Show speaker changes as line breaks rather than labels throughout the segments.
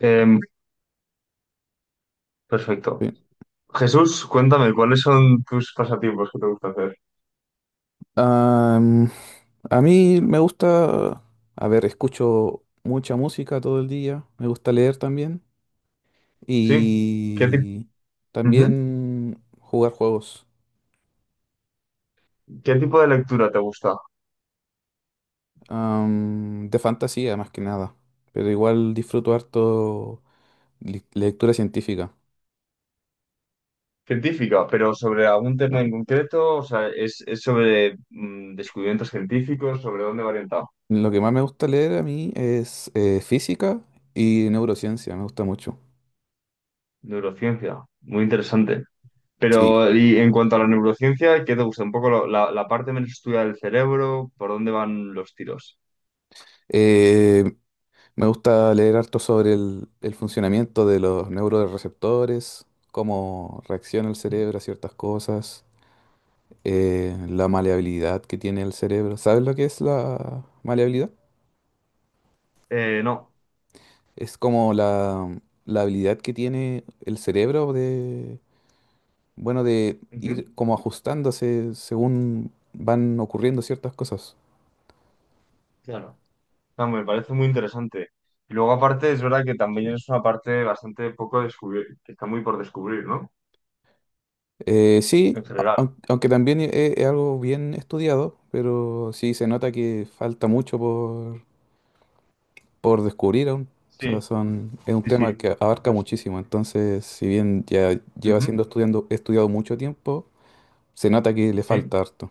Em, perfecto.
Sí.
Jesús, cuéntame, ¿cuáles son tus pasatiempos que te gusta hacer?
Am, a mí me gusta, a ver, escucho mucha música todo el día, me gusta leer también
Sí. ¿Qué, ti-
y
Ujú.
también jugar juegos
¿Qué tipo de lectura te gusta?
de fantasía más que nada, pero igual disfruto harto lectura científica.
Científica, pero sobre algún tema en concreto, o sea, ¿es sobre descubrimientos científicos, ¿sobre dónde va orientado?
Lo que más me gusta leer a mí es física y neurociencia, me gusta mucho.
Neurociencia, muy interesante.
Sí.
Pero, y en cuanto a la neurociencia, ¿qué te gusta? Un poco la parte menos estudiada del cerebro, por dónde van los tiros.
Eh, Me gusta leer harto sobre el funcionamiento de los neuroreceptores, cómo reacciona el cerebro a ciertas cosas, la maleabilidad que tiene el cerebro. ¿Sabes lo que es la maleabilidad?
No.
Es como la habilidad que tiene el cerebro de, bueno, de
Ujú.
ir como ajustándose según van ocurriendo ciertas cosas.
Claro. No, me parece muy interesante. Y luego aparte es verdad que también es una parte bastante poco descubierta, que está muy por descubrir, ¿no?
Sí,
En general.
aunque también es algo bien estudiado, pero sí se nota que falta mucho por descubrir aún. O sea,
Sí,
es un
sí, sí.
tema que abarca
Pues,
muchísimo. Entonces, si bien ya lleva
ujú.
siendo estudiado mucho tiempo, se nota que le
Sí.
falta harto.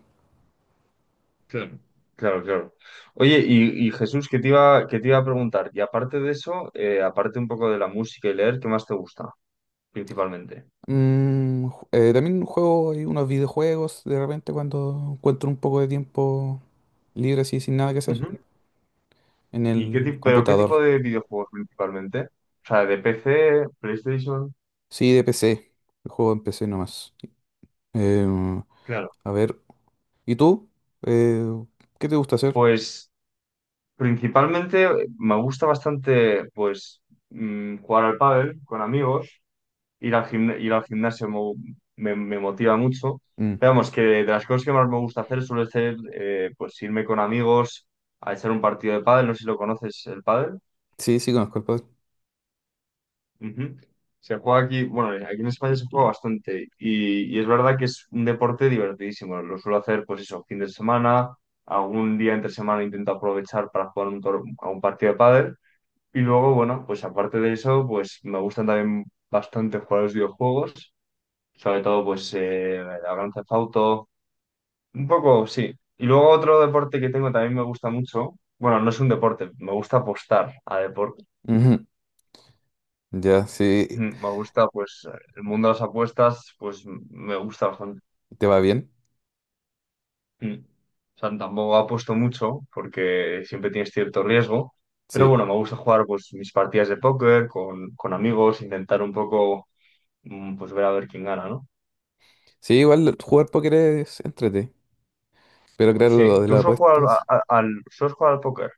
Claro, claro, claro. Oye, y Jesús, qué te iba a preguntar? Y aparte de eso, aparte un poco de la música y leer, ¿qué más te gusta principalmente?
También juego ahí unos videojuegos de repente cuando encuentro un poco de tiempo libre así sin nada que hacer
Ujú.
en
¿Y qué
el
tipo, pero qué
computador.
tipo de videojuegos principalmente? O sea, de PC, PlayStation.
Sí, de PC. El juego en PC nomás. Em,
Claro.
a ver, ¿y tú? Eh, ¿Qué te gusta hacer?
Pues principalmente me gusta bastante pues jugar al pádel con amigos, ir al gimnasio me motiva mucho.
Mm,
Pero vamos, que de las cosas que más me gusta hacer suele ser pues irme con amigos a echar un partido de pádel, no sé si lo conoces el pádel.
sí, sí, conozco el padre.
Ujú. Se juega aquí, bueno, aquí en España se juega bastante y es verdad que es un deporte divertidísimo. Lo suelo hacer pues eso, fin de semana, algún día entre semana intento aprovechar para jugar a un partido de pádel. Y luego, bueno, pues aparte de eso, pues me gustan también bastante jugar a los videojuegos, sobre todo pues el Grand Theft Auto, un poco, sí. Y luego otro deporte que tengo también me gusta mucho, bueno, no es un deporte, me gusta apostar a deporte.
Ujú. Ya, sí.
Mm, me gusta pues el mundo de las apuestas, me gusta bastante.
¿Te va bien?
Mm. O sea, tampoco apuesto mucho porque siempre tienes cierto riesgo, pero
Sí.
bueno, me gusta jugar pues mis partidas de póker con amigos, intentar un poco pues ver a ver quién gana, ¿no?
Sí, igual jugar póker es entrete, pero claro, lo
Sí,
de
tú
las
solo jugar
apuestas.
solo jugar al póker.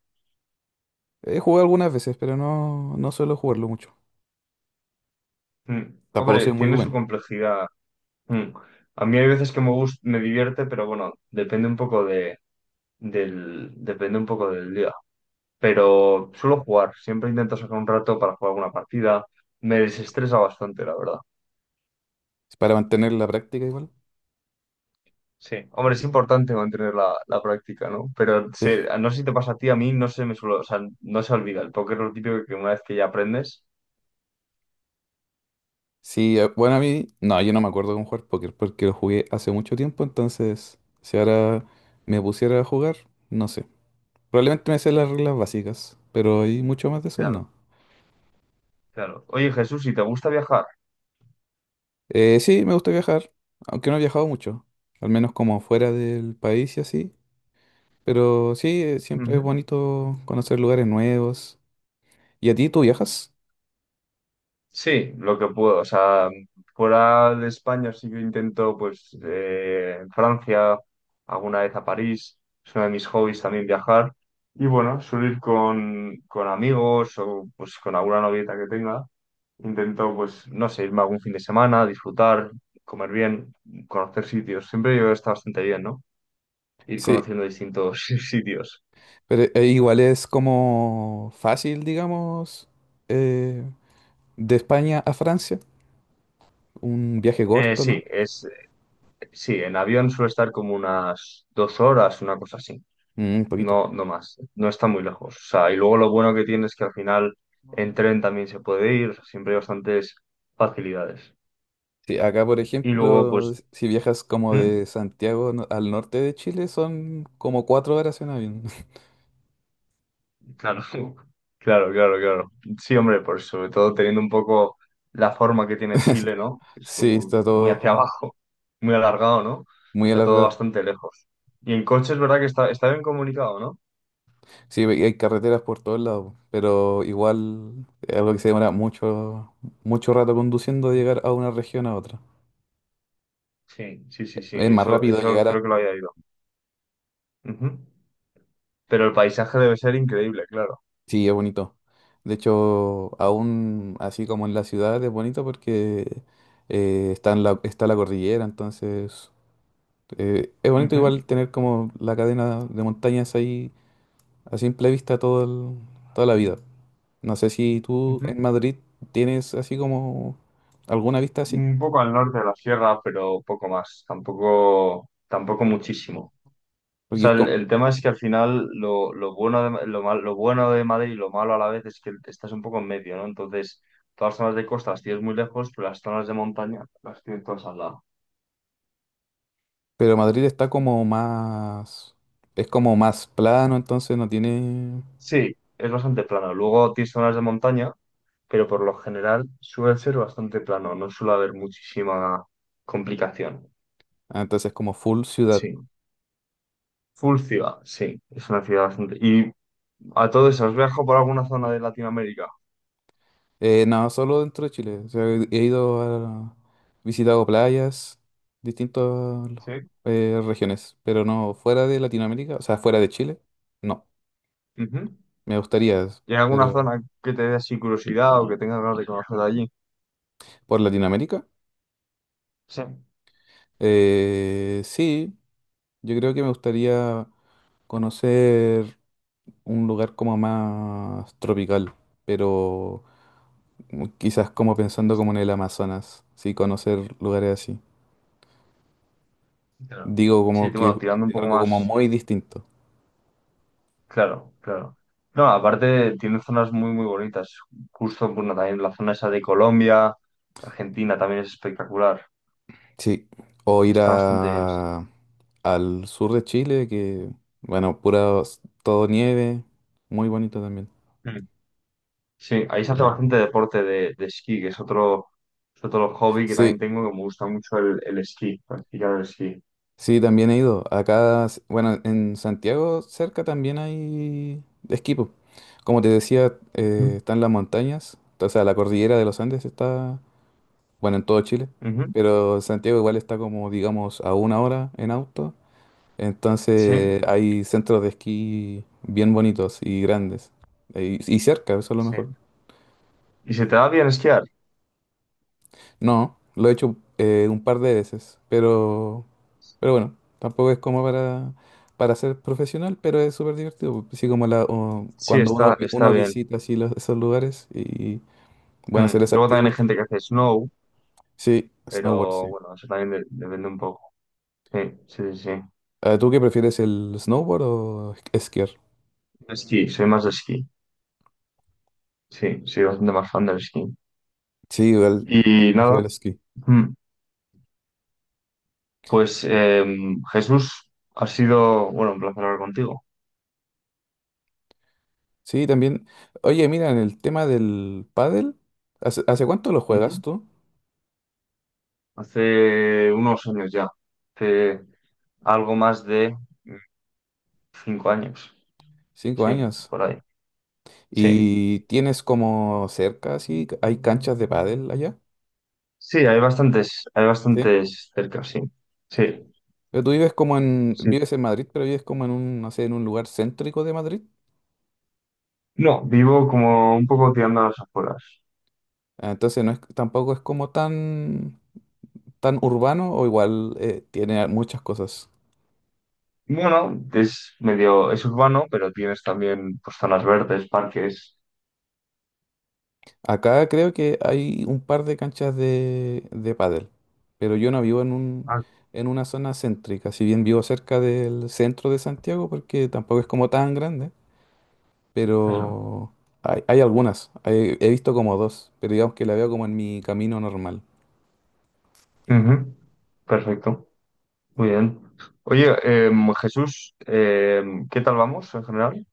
He jugado algunas veces, pero no suelo jugarlo mucho.
Mm.
Tampoco soy
Hombre,
muy
tiene su
bueno.
complejidad. Mm. A mí hay veces que me gusta, me divierte, pero bueno, depende un poco del día. Pero suelo jugar, siempre intento sacar un rato para jugar alguna partida. Me desestresa bastante, la verdad.
Es para mantener la práctica igual.
Sí. Hombre, es importante mantener la práctica, ¿no?
Sí,
No sé si te pasa a ti, a mí no se me suele, o sea, no se olvida. El póker es lo típico que una vez que ya aprendes.
sí, bueno, a mí, no, yo no me acuerdo con jugar póker porque lo jugué hace mucho tiempo, entonces si ahora me pusiera a jugar, no sé. Probablemente me sé las reglas básicas, pero hay mucho más de eso,
Claro,
no.
claro. Oye, Jesús, si te gusta viajar.
Sí, me gusta viajar, aunque no he viajado mucho, al menos como fuera del país y así. Pero sí, siempre es
Ujú.
bonito conocer lugares nuevos. ¿Y a ti tú viajas?
Sí, lo que puedo. O sea, fuera de España sí que intento, pues, en Francia, alguna vez a París. Es uno de mis hobbies también viajar. Y bueno, suelo ir con amigos o pues con alguna novieta que tenga. Intento, pues, no sé, irme algún fin de semana, disfrutar, comer bien, conocer sitios. Siempre yo he estado bastante bien, ¿no? Ir
Sí,
conociendo distintos sitios.
pero igual es como fácil, digamos, eh, de España a Francia, un viaje
Eh,
corto, ¿no?
sí, es, sí, en avión suele estar como unas 2 horas, una cosa así.
Mm, un poquito.
No, no más, no está muy lejos. O sea, y luego lo bueno que tiene es que al final en tren también se puede ir, o sea, siempre hay bastantes facilidades.
Sí, acá, por
Y luego,
ejemplo,
pues,
si viajas como
¿mm?
de Santiago al norte de Chile, son como 4 horas en avión.
Claro, claro, claro, claro. Sí, hombre, por sobre todo teniendo un poco la forma que tiene Chile, ¿no? Es
Sí,
como
está
muy hacia
todo
abajo, muy alargado, ¿no?
muy
Está todo
alargado.
bastante lejos. Y en coche es verdad que está bien comunicado, ¿no?
Sí, y hay carreteras por todos lados, pero igual es algo que se demora mucho, mucho rato conduciendo de
Ujú.
llegar a una región a otra.
Sí, sí, sí, sí,
Es más
eso,
rápido
eso
llegar a…
creo que lo había ido. Ujú. Pero el paisaje debe ser increíble, claro.
Sí, es bonito. De hecho, aún así como en la ciudad es bonito porque en está la cordillera, entonces es bonito
Ujú.
igual tener como la cadena de montañas ahí a simple vista toda la vida. No sé si tú
Ujú.
en Madrid tienes así como alguna vista así.
Un poco al norte de la sierra, pero poco más, tampoco, tampoco muchísimo. O
Porque
sea,
es
el,
co-
el tema es que al final lo bueno de Madrid y lo malo a la vez es que estás un poco en medio, ¿no? Entonces, todas las zonas de costa las tienes muy lejos, pero las zonas de montaña las tienes todas al lado.
Pero Madrid está como más, es como más plano, entonces no tiene,
Sí, es bastante plano. Luego tienes zonas de montaña, pero por lo general suele ser bastante plano, no suele haber muchísima complicación.
ah, entonces es como full ciudad.
Sí. Full ciudad, sí, es una ciudad bastante. Y a todo eso, ¿has viajado por alguna zona de Latinoamérica?
No, solo dentro de Chile. O sea, he ido a, visitado playas, distintas
Sí.
regiones, pero no fuera de Latinoamérica, o sea, fuera de Chile, no.
Ujú.
Me gustaría,
¿Y hay alguna
pero
zona que te dé así curiosidad o que tengas ganas de conocer de allí?
por Latinoamérica,
Sí.
sí, yo creo que me gustaría conocer un lugar como más tropical, pero quizás como pensando como en el Amazonas, sí, conocer lugares así.
Claro.
Digo
Sí,
como que
bueno, tirando un
es
poco
algo como
más.
muy distinto.
Claro, claro. No, aparte tiene zonas muy, muy bonitas. Justo, bueno, también la zona esa de Colombia, Argentina también es espectacular.
Sí, o ir
Está bastante bien, sí.
al sur de Chile, que, bueno, pura, todo nieve, muy bonito también.
Mm. Sí, ahí se hace bastante deporte de esquí, que es otro hobby que también
Sí,
tengo, que me gusta mucho el esquí, practicar el esquí.
sí, también he ido. Acá, bueno, en Santiago cerca también hay esquí, po. Como te decía,
Ujú.
están las montañas, o sea, la cordillera de los Andes está bueno, en todo Chile,
Ujú.
pero Santiago igual está como, digamos, a 1 hora en auto,
Sí.
entonces hay centros de esquí bien bonitos y grandes, y cerca, eso es lo
Sí.
mejor.
¿Y se te da bien esquiar?
No, lo he hecho un par de veces, pero bueno, tampoco es como para ser profesional, pero es súper divertido, así como o
Sí,
cuando
está, está
uno
bien.
visita así esos lugares y bueno, hacer
Mm.
esa
Luego
actividad
también hay
porque…
gente que hace snow,
Sí, snowboard,
pero
sí.
bueno, eso también depende un poco. Sí, sí, sí, sí.
Ah, ¿tú qué prefieres, el snowboard o esquiar?
Esquí, soy más de esquí. Sí, soy bastante más fan del esquí.
Sí, igual.
Y nada,
Hacer el esquí.
mm, pues Jesús, ha sido, bueno, un placer hablar contigo.
Sí, también. Oye, mira, en el tema del pádel, hace cuánto lo juegas
Ujú.
tú?
Hace unos años ya, hace algo más de mm, 5 años,
Cinco
sí,
años.
por ahí. Sí,
¿Y tienes como cerca, así, hay canchas de pádel allá?
sí, hay
Sí.
bastantes cerca, sí. Sí.
Pero tú vives
Sí.
vives en Madrid, pero vives como en un, no sé, en un lugar céntrico de Madrid.
No, vivo como un poco tirando a las afueras.
Ah, entonces no es, tampoco es como tan, tan urbano o igual tiene muchas cosas.
Bueno, es medio, es urbano, pero tienes también pues, zonas verdes, parques.
Acá creo que hay un par de canchas de pádel, pero yo no vivo
Ah,
en una zona céntrica, si bien vivo cerca del centro de Santiago, porque tampoco es como tan grande,
claro.
pero hay algunas, he visto como dos, pero digamos que la veo como en mi camino normal.
Ujú. Perfecto, muy bien. Oye, Jesús, ¿qué tal vamos en general?